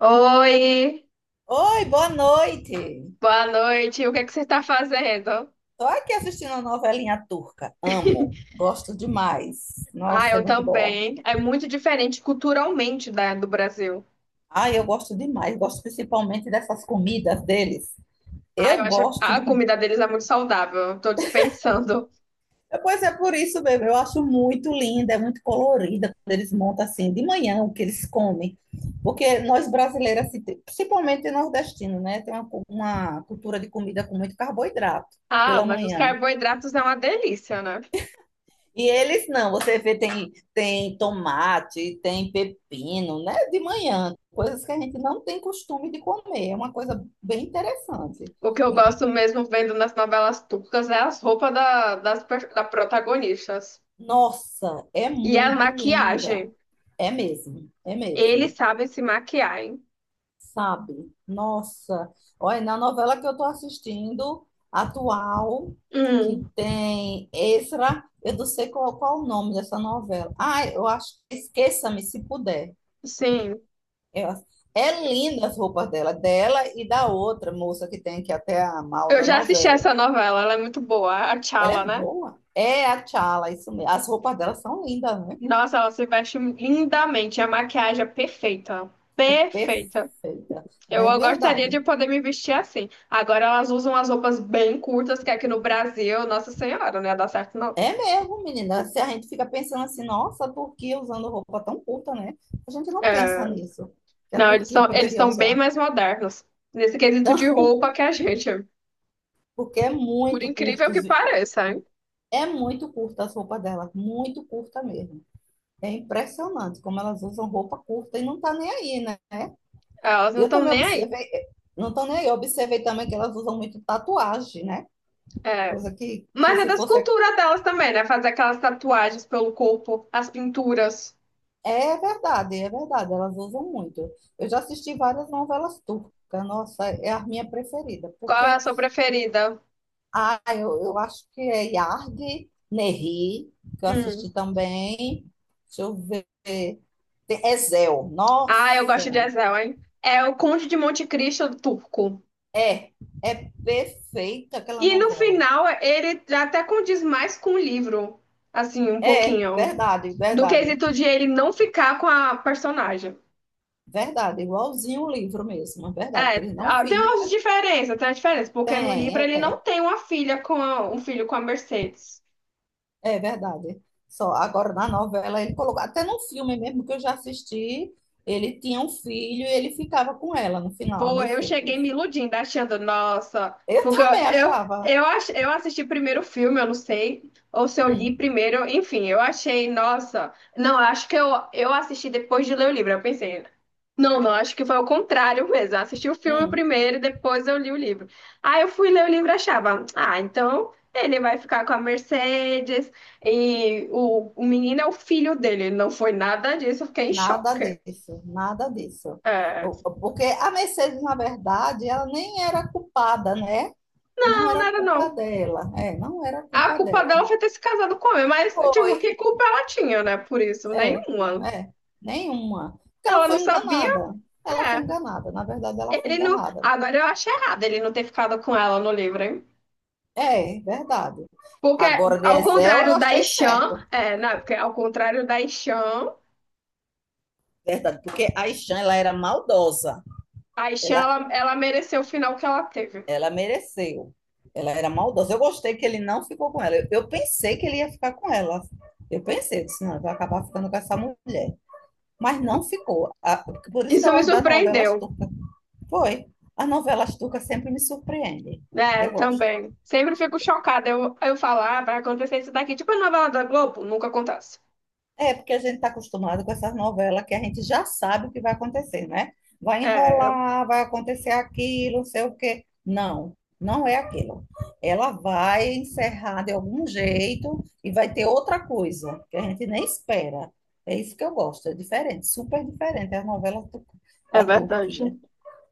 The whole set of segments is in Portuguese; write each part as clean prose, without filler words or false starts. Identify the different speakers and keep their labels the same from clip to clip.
Speaker 1: Oi,
Speaker 2: Oi, boa noite.
Speaker 1: boa noite. O que é que você está fazendo?
Speaker 2: Tô aqui assistindo a novelinha turca. Amo, gosto demais.
Speaker 1: Ah,
Speaker 2: Nossa, é
Speaker 1: eu
Speaker 2: muito boa.
Speaker 1: também. É muito diferente culturalmente da, do Brasil.
Speaker 2: Ai, eu gosto demais, gosto principalmente dessas comidas deles.
Speaker 1: Ah, eu
Speaker 2: Eu
Speaker 1: acho
Speaker 2: gosto
Speaker 1: a
Speaker 2: demais.
Speaker 1: comida deles é muito saudável. Eu tô dispensando.
Speaker 2: É, pois é por isso bebê. Eu acho muito linda, é muito colorida quando eles montam assim de manhã o que eles comem. Porque nós brasileiras, assim, principalmente nordestinos, né, tem uma, uma cultura de comida com muito carboidrato
Speaker 1: Ah,
Speaker 2: pela
Speaker 1: mas os
Speaker 2: manhã.
Speaker 1: carboidratos é uma delícia, né?
Speaker 2: E eles não, você vê, tem tomate, tem pepino, né? De manhã, coisas que a gente não tem costume de comer. É uma coisa bem interessante.
Speaker 1: O que eu
Speaker 2: E,
Speaker 1: gosto mesmo vendo nas novelas turcas é as roupas da, das da protagonistas.
Speaker 2: nossa, é
Speaker 1: E a
Speaker 2: muito
Speaker 1: maquiagem.
Speaker 2: linda. É mesmo, é
Speaker 1: Eles
Speaker 2: mesmo.
Speaker 1: sabem se maquiar, hein?
Speaker 2: Sabe? Nossa. Olha, na novela que eu estou assistindo, atual, que
Speaker 1: Hum,
Speaker 2: tem extra eu não sei qual, qual o nome dessa novela. Ah, eu acho que Esqueça-me Se Puder.
Speaker 1: sim.
Speaker 2: Eu- É linda as roupas dela, dela e da outra moça que tem aqui até a mal
Speaker 1: Eu
Speaker 2: da
Speaker 1: já assisti
Speaker 2: novela.
Speaker 1: essa novela, ela é muito boa, a
Speaker 2: Ela
Speaker 1: Chala,
Speaker 2: é
Speaker 1: né?
Speaker 2: boa. É a Tchala, isso mesmo. As roupas dela são lindas, né?
Speaker 1: Nossa, ela se veste lindamente. A maquiagem é perfeita. Perfeita.
Speaker 2: Perfeita. Não
Speaker 1: Eu
Speaker 2: é
Speaker 1: gostaria
Speaker 2: verdade?
Speaker 1: de poder me vestir assim. Agora elas usam as roupas bem curtas, que aqui no Brasil, Nossa Senhora, não ia dar certo, não.
Speaker 2: É mesmo, menina. Se a gente fica pensando assim, nossa, a Turquia usando roupa tão curta, né? A gente não pensa
Speaker 1: É.
Speaker 2: nisso, que a
Speaker 1: Não, eles
Speaker 2: Turquia
Speaker 1: são, eles
Speaker 2: poderia
Speaker 1: estão bem
Speaker 2: usar.
Speaker 1: mais modernos nesse quesito de roupa que a gente.
Speaker 2: Porque é
Speaker 1: Por
Speaker 2: muito
Speaker 1: incrível
Speaker 2: curto,
Speaker 1: que pareça, hein?
Speaker 2: é muito curta as roupas dela, muito curta mesmo. É impressionante como elas usam roupa curta e não tá nem aí, né?
Speaker 1: Elas não
Speaker 2: Eu
Speaker 1: estão
Speaker 2: também
Speaker 1: nem aí.
Speaker 2: observei, não estou nem eu observei também que elas usam muito tatuagem, né?
Speaker 1: É.
Speaker 2: Coisa que
Speaker 1: Mas é
Speaker 2: se
Speaker 1: das
Speaker 2: fosse.
Speaker 1: culturas delas também, né? Fazer aquelas tatuagens pelo corpo, as pinturas.
Speaker 2: É verdade, elas usam muito. Eu já assisti várias novelas turcas, nossa, é a minha preferida,
Speaker 1: Qual é a
Speaker 2: porque
Speaker 1: sua preferida?
Speaker 2: ah, eu acho que é Yargi, Nehri, que eu assisti
Speaker 1: Hum.
Speaker 2: também. Deixa eu ver. Tem Ezel,
Speaker 1: Ah, eu
Speaker 2: nossa,
Speaker 1: gosto de Ezel, hein? É o Conde de Monte Cristo turco.
Speaker 2: é, é perfeita aquela
Speaker 1: E no
Speaker 2: novela.
Speaker 1: final, ele até condiz mais com o livro, assim, um
Speaker 2: É,
Speaker 1: pouquinho,
Speaker 2: verdade,
Speaker 1: do
Speaker 2: verdade.
Speaker 1: quesito de ele não ficar com a personagem.
Speaker 2: Verdade, igualzinho o livro mesmo, é verdade, que
Speaker 1: É,
Speaker 2: ele não
Speaker 1: ah, tem umas
Speaker 2: fica.
Speaker 1: diferenças, tem uma diferença, porque no livro
Speaker 2: Tem,
Speaker 1: ele
Speaker 2: é,
Speaker 1: não tem uma filha com um filho com a Mercedes.
Speaker 2: é verdade. Só agora na novela ele colocou, até no filme mesmo que eu já assisti, ele tinha um filho e ele ficava com ela no final, a
Speaker 1: Pô, eu cheguei
Speaker 2: Mercedes.
Speaker 1: me iludindo, achando, nossa,
Speaker 2: Eu
Speaker 1: porque
Speaker 2: também achava,
Speaker 1: eu assisti primeiro o filme, eu não sei, ou se eu li
Speaker 2: hum,
Speaker 1: primeiro, enfim, eu achei, nossa, não, eu assisti depois de ler o livro, eu pensei, não, acho que foi o contrário mesmo, eu assisti o filme
Speaker 2: hum,
Speaker 1: primeiro e depois eu li o livro. Aí eu fui ler o livro e achava, ah, então ele vai ficar com a Mercedes e o menino é o filho dele, não foi nada disso, eu fiquei em
Speaker 2: nada
Speaker 1: choque.
Speaker 2: disso, nada disso.
Speaker 1: É,
Speaker 2: Porque a Mercedes, na verdade, ela nem era culpada, né? Não
Speaker 1: não, não
Speaker 2: era
Speaker 1: era
Speaker 2: culpa
Speaker 1: não.
Speaker 2: dela, é, não era
Speaker 1: A
Speaker 2: culpa
Speaker 1: culpa
Speaker 2: dela.
Speaker 1: dela foi ter se casado com ele, mas, tipo, que
Speaker 2: Foi,
Speaker 1: culpa ela tinha, né? Por isso,
Speaker 2: é,
Speaker 1: nenhuma.
Speaker 2: é, nenhuma. Porque ela
Speaker 1: Ela não
Speaker 2: foi
Speaker 1: sabia,
Speaker 2: enganada. Ela foi
Speaker 1: é.
Speaker 2: enganada. Na verdade, ela foi
Speaker 1: Ele não.
Speaker 2: enganada.
Speaker 1: Agora eu acho errado ele não ter ficado com ela no livro, hein?
Speaker 2: É, verdade.
Speaker 1: Porque,
Speaker 2: Agora, de
Speaker 1: ao
Speaker 2: Ezel, eu
Speaker 1: contrário da
Speaker 2: achei
Speaker 1: Ishan,
Speaker 2: certo.
Speaker 1: é, não, porque ao contrário da Ishan,
Speaker 2: Verdade, porque a Ishan, ela era maldosa. Ela,
Speaker 1: ela mereceu o final que ela teve.
Speaker 2: ela mereceu. Ela era maldosa. Eu gostei que ele não ficou com ela. Eu pensei que ele ia ficar com ela. Eu pensei, disse, não, vai acabar ficando com essa mulher. Mas não ficou. A- Por isso que
Speaker 1: Isso
Speaker 2: eu
Speaker 1: me
Speaker 2: gosto das novelas
Speaker 1: surpreendeu,
Speaker 2: turcas. Foi. As novelas turcas sempre me surpreendem.
Speaker 1: né?
Speaker 2: Eu gosto.
Speaker 1: Também. Sempre fico chocada. Eu falo, ah, vai acontecer isso daqui. Tipo a novela da Globo, nunca acontece.
Speaker 2: É, porque a gente está acostumado com essas novelas que a gente já sabe o que vai acontecer, né? Vai
Speaker 1: É,
Speaker 2: enrolar, vai acontecer aquilo, não sei o quê. Não, não é aquilo. Ela vai encerrar de algum jeito e vai ter outra coisa que a gente nem espera. É isso que eu gosto, é diferente, super diferente as novelas
Speaker 1: é
Speaker 2: da
Speaker 1: verdade.
Speaker 2: Turquia.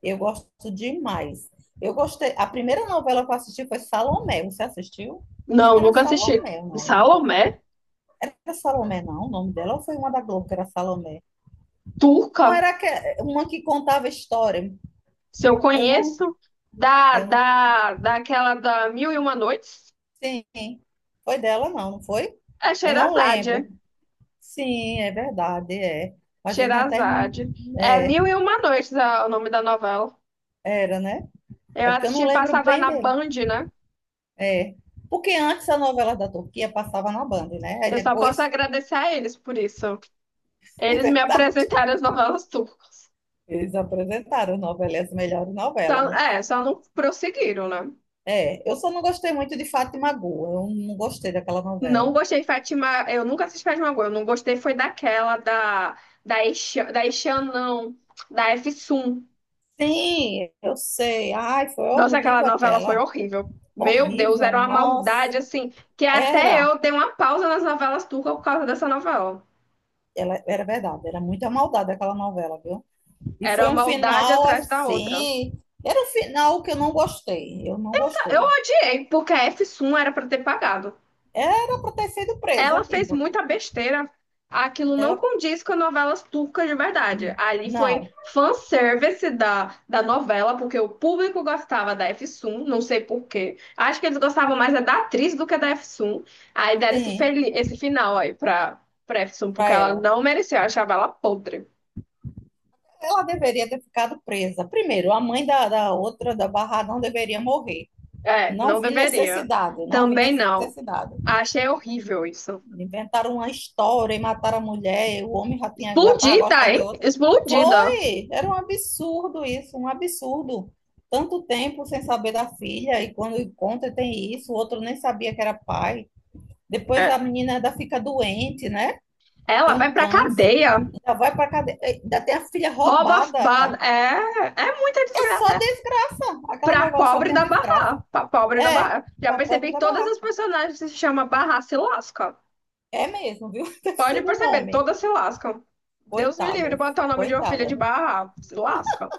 Speaker 2: Eu gosto demais. Eu gostei. A primeira novela que eu assisti foi Salomé. Você assistiu? Acho
Speaker 1: Não,
Speaker 2: que era
Speaker 1: nunca assisti.
Speaker 2: Salomé o nome.
Speaker 1: Salomé?
Speaker 2: Era Salomé, não, o nome dela, ou foi uma da Globo que era Salomé? Qual
Speaker 1: Turca,
Speaker 2: era que, uma que contava história?
Speaker 1: se eu
Speaker 2: Eu não,
Speaker 1: conheço,
Speaker 2: eu não.
Speaker 1: daquela da Mil e Uma Noites,
Speaker 2: Sim, foi dela, não, não foi?
Speaker 1: é
Speaker 2: Eu não
Speaker 1: Sheherazade, é?
Speaker 2: lembro. Sim, é verdade, é. Mas eu não termino.
Speaker 1: Sheherazade. É
Speaker 2: É,
Speaker 1: Mil e Uma Noites é o nome da novela.
Speaker 2: era, né?
Speaker 1: Eu
Speaker 2: É porque eu não
Speaker 1: assisti,
Speaker 2: lembro
Speaker 1: passava
Speaker 2: bem
Speaker 1: na
Speaker 2: dele.
Speaker 1: Band, né?
Speaker 2: É. Porque antes a novela da Turquia passava na Band, né? Aí
Speaker 1: Eu só posso
Speaker 2: depois,
Speaker 1: agradecer a eles por isso.
Speaker 2: é
Speaker 1: Eles me
Speaker 2: verdade,
Speaker 1: apresentaram as novelas turcas.
Speaker 2: eles apresentaram novela, as melhores novelas, né?
Speaker 1: É, só não prosseguiram, né?
Speaker 2: É, eu só não gostei muito de Fátima Gol, eu não gostei daquela
Speaker 1: Não
Speaker 2: novela.
Speaker 1: gostei de Fátima, eu nunca assisti Fátima Agora, eu não gostei foi daquela da da Ishan não, da Efsun.
Speaker 2: Sim, eu sei. Ai, foi
Speaker 1: Nossa, aquela
Speaker 2: horrível
Speaker 1: novela foi
Speaker 2: aquela.
Speaker 1: horrível. Meu Deus,
Speaker 2: Horrível,
Speaker 1: era uma maldade
Speaker 2: nossa.
Speaker 1: assim, que até
Speaker 2: Era,
Speaker 1: eu dei uma pausa nas novelas turcas por causa dessa novela.
Speaker 2: ela, era verdade, era muita maldade aquela novela, viu? E
Speaker 1: Era
Speaker 2: foi um
Speaker 1: uma maldade
Speaker 2: final
Speaker 1: atrás da outra.
Speaker 2: assim. Era um final que eu não gostei. Eu não
Speaker 1: Tá. Eu
Speaker 2: gostei.
Speaker 1: odiei, porque a F1 era pra ter pagado.
Speaker 2: Era para ter sido
Speaker 1: Ela
Speaker 2: presa. E
Speaker 1: fez muita besteira. Aquilo não
Speaker 2: ela.
Speaker 1: condiz com novelas turcas de verdade. Ali foi
Speaker 2: Não,
Speaker 1: fanservice da, da novela, porque o público gostava da Efsun, não sei por quê. Acho que eles gostavam mais é da atriz do que da Efsun. Aí deram esse,
Speaker 2: sim,
Speaker 1: esse final aí pra, pra Efsun, porque
Speaker 2: para
Speaker 1: ela
Speaker 2: ela.
Speaker 1: não merecia, eu achava ela podre.
Speaker 2: Ela deveria ter ficado presa. Primeiro, a mãe da, da outra, da Barra, não deveria morrer.
Speaker 1: É,
Speaker 2: Não
Speaker 1: não
Speaker 2: vi
Speaker 1: deveria.
Speaker 2: necessidade, não vi
Speaker 1: Também não.
Speaker 2: necessidade.
Speaker 1: Achei horrível isso.
Speaker 2: Inventaram uma história e mataram a mulher, o homem já tinha, já estava
Speaker 1: Explodida,
Speaker 2: gostando de
Speaker 1: hein?
Speaker 2: outra.
Speaker 1: Explodida.
Speaker 2: Foi! Era um absurdo isso, um absurdo. Tanto tempo sem saber da filha, e quando encontra tem isso, o outro nem sabia que era pai. Depois a
Speaker 1: É.
Speaker 2: menina ainda fica doente, né?
Speaker 1: Ela
Speaker 2: Tem um
Speaker 1: vai pra
Speaker 2: câncer,
Speaker 1: cadeia.
Speaker 2: ainda vai para cadeia, ainda tem a filha roubada.
Speaker 1: É, é muita
Speaker 2: É só
Speaker 1: desgraça. É.
Speaker 2: desgraça. Aquela
Speaker 1: Pra
Speaker 2: novela só
Speaker 1: pobre
Speaker 2: tem a
Speaker 1: da
Speaker 2: desgraça.
Speaker 1: Barra. Pra pobre da
Speaker 2: É,
Speaker 1: Barra. Já
Speaker 2: para pobre
Speaker 1: percebi que
Speaker 2: da
Speaker 1: todas
Speaker 2: barraca.
Speaker 1: as personagens que se chama Barra se lascam.
Speaker 2: É mesmo, viu? Deve ser
Speaker 1: Pode
Speaker 2: do
Speaker 1: perceber,
Speaker 2: nome.
Speaker 1: todas se lascam. Deus me livre de
Speaker 2: Coitadas,
Speaker 1: botar o nome de uma filha de
Speaker 2: coitadas.
Speaker 1: Barra. Se lasca.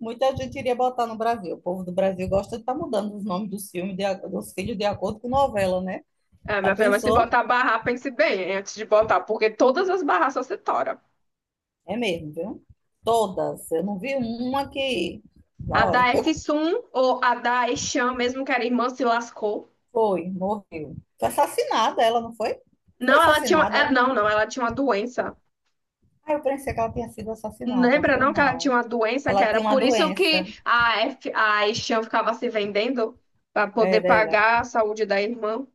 Speaker 2: Muita gente iria botar no Brasil. O povo do Brasil gosta de estar mudando os nomes dos filmes, de dos filhos, de acordo com novela, né?
Speaker 1: É,
Speaker 2: Já
Speaker 1: minha filha, mas se
Speaker 2: pensou?
Speaker 1: botar Barra, pense bem hein, antes de botar, porque todas as Barras só se toram.
Speaker 2: É mesmo, viu? Todas. Eu não vi uma que.
Speaker 1: A
Speaker 2: Não,
Speaker 1: da f
Speaker 2: eu...
Speaker 1: ou a da Echan, mesmo que era irmã, se lascou.
Speaker 2: Foi, morreu. Foi assassinada, ela não foi? Foi
Speaker 1: Não, ela tinha. É,
Speaker 2: assassinada.
Speaker 1: não, ela tinha uma doença.
Speaker 2: Ah, eu pensei que ela tinha sido assassinada.
Speaker 1: Lembra
Speaker 2: Foi
Speaker 1: não que ela tinha
Speaker 2: não.
Speaker 1: uma doença que
Speaker 2: Ela tinha
Speaker 1: era
Speaker 2: uma
Speaker 1: por isso
Speaker 2: doença.
Speaker 1: que a Estian ficava se vendendo para poder
Speaker 2: Era, era.
Speaker 1: pagar a saúde da irmã?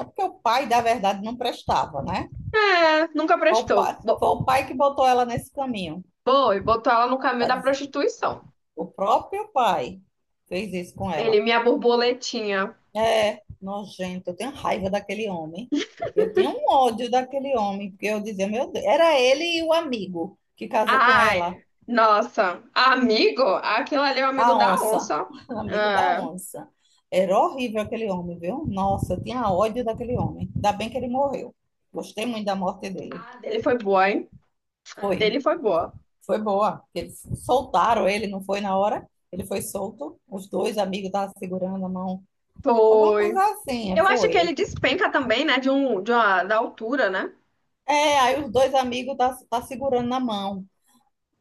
Speaker 2: É porque o pai, da verdade, não prestava, né?
Speaker 1: É, nunca prestou.
Speaker 2: Foi o pai que botou ela nesse caminho.
Speaker 1: Foi, botou ela no caminho
Speaker 2: Tá?
Speaker 1: da prostituição.
Speaker 2: O próprio pai fez isso com
Speaker 1: Ele,
Speaker 2: ela.
Speaker 1: minha borboletinha.
Speaker 2: É, nojento. Eu tenho raiva daquele homem. Eu tinha um ódio daquele homem, porque eu dizia, meu Deus, era ele e o amigo que casou com ela,
Speaker 1: Ai, nossa, amigo? Aquilo ali é o amigo
Speaker 2: da
Speaker 1: da
Speaker 2: onça,
Speaker 1: onça.
Speaker 2: amigo da
Speaker 1: É.
Speaker 2: onça. Era horrível aquele homem, viu? Nossa, eu tinha ódio daquele homem. Ainda bem que ele morreu. Gostei muito da morte dele.
Speaker 1: A dele foi boa, hein? A
Speaker 2: Foi,
Speaker 1: dele foi boa.
Speaker 2: foi boa. Eles soltaram ele, não foi na hora? Ele foi solto. Os dois amigos estavam segurando a mão. Alguma coisa
Speaker 1: Foi.
Speaker 2: assim,
Speaker 1: Eu acho que ele
Speaker 2: foi.
Speaker 1: despenca também, né? De um, de uma, da altura, né?
Speaker 2: É, aí os dois amigos tá segurando na mão.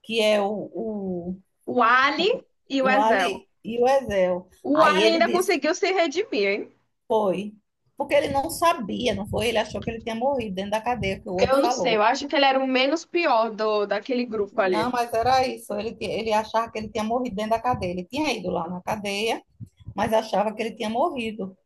Speaker 2: Que é
Speaker 1: O Ali e o
Speaker 2: o
Speaker 1: Ezel.
Speaker 2: Ali e o Ezel.
Speaker 1: O
Speaker 2: Aí
Speaker 1: Alien
Speaker 2: ele
Speaker 1: ainda
Speaker 2: disse,
Speaker 1: conseguiu se redimir, hein?
Speaker 2: foi. Porque ele não sabia, não foi? Ele achou que ele tinha morrido dentro da cadeia, que o
Speaker 1: Eu
Speaker 2: outro
Speaker 1: não sei, eu
Speaker 2: falou.
Speaker 1: acho que ele era o menos pior do, daquele grupo ali.
Speaker 2: Não, mas era isso. Ele achava que ele tinha morrido dentro da cadeia. Ele tinha ido lá na cadeia, mas achava que ele tinha morrido.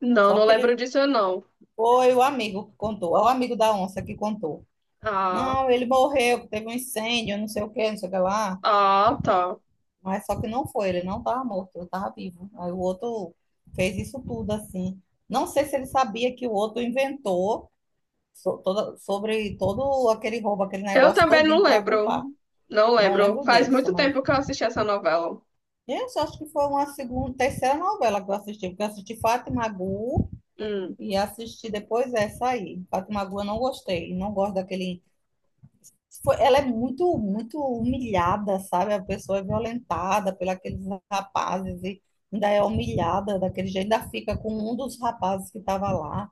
Speaker 1: Não,
Speaker 2: Só
Speaker 1: não
Speaker 2: que ele
Speaker 1: lembro disso, não.
Speaker 2: foi o amigo que contou, é o amigo da onça que contou.
Speaker 1: Ah,
Speaker 2: Não, ele morreu, que teve um incêndio, não sei o quê, não sei o que lá.
Speaker 1: ah, tá.
Speaker 2: Mas só que não foi, ele não estava morto, ele estava vivo. Aí o outro fez isso tudo assim. Não sei se ele sabia que o outro inventou sobre todo aquele roubo, aquele
Speaker 1: Eu
Speaker 2: negócio
Speaker 1: também não
Speaker 2: todinho para
Speaker 1: lembro.
Speaker 2: culpar.
Speaker 1: Não
Speaker 2: Não
Speaker 1: lembro.
Speaker 2: lembro
Speaker 1: Faz
Speaker 2: disso,
Speaker 1: muito
Speaker 2: mas
Speaker 1: tempo que eu assisti essa novela.
Speaker 2: eu só acho que foi uma segunda, terceira novela que eu assisti, porque eu assisti Fátima Gu
Speaker 1: Hum,
Speaker 2: e assisti depois essa aí. Fátima Gu eu não gostei, não gosto daquele ela é muito, muito humilhada, sabe? A pessoa é violentada pelos aqueles rapazes e ainda é humilhada daquele jeito, ainda fica com um dos rapazes que estava lá.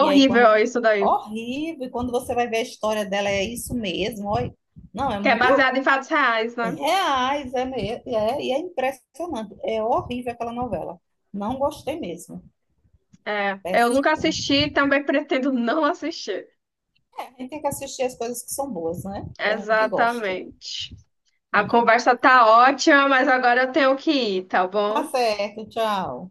Speaker 2: E aí, quando.
Speaker 1: isso daí.
Speaker 2: Horrível, e quando você vai ver a história dela, é isso mesmo. Olha, não, é
Speaker 1: Que é
Speaker 2: muito
Speaker 1: baseado em fatos reais, né?
Speaker 2: reais, é mesmo. É, e é impressionante. É horrível aquela novela. Não gostei mesmo.
Speaker 1: É. Eu nunca
Speaker 2: Péssimo.
Speaker 1: assisti e também pretendo não assistir.
Speaker 2: A gente tem que assistir as coisas que são boas, né? Que a gente gosta.
Speaker 1: Exatamente. A conversa tá ótima, mas agora eu tenho que ir, tá
Speaker 2: Tá
Speaker 1: bom?
Speaker 2: certo, tchau.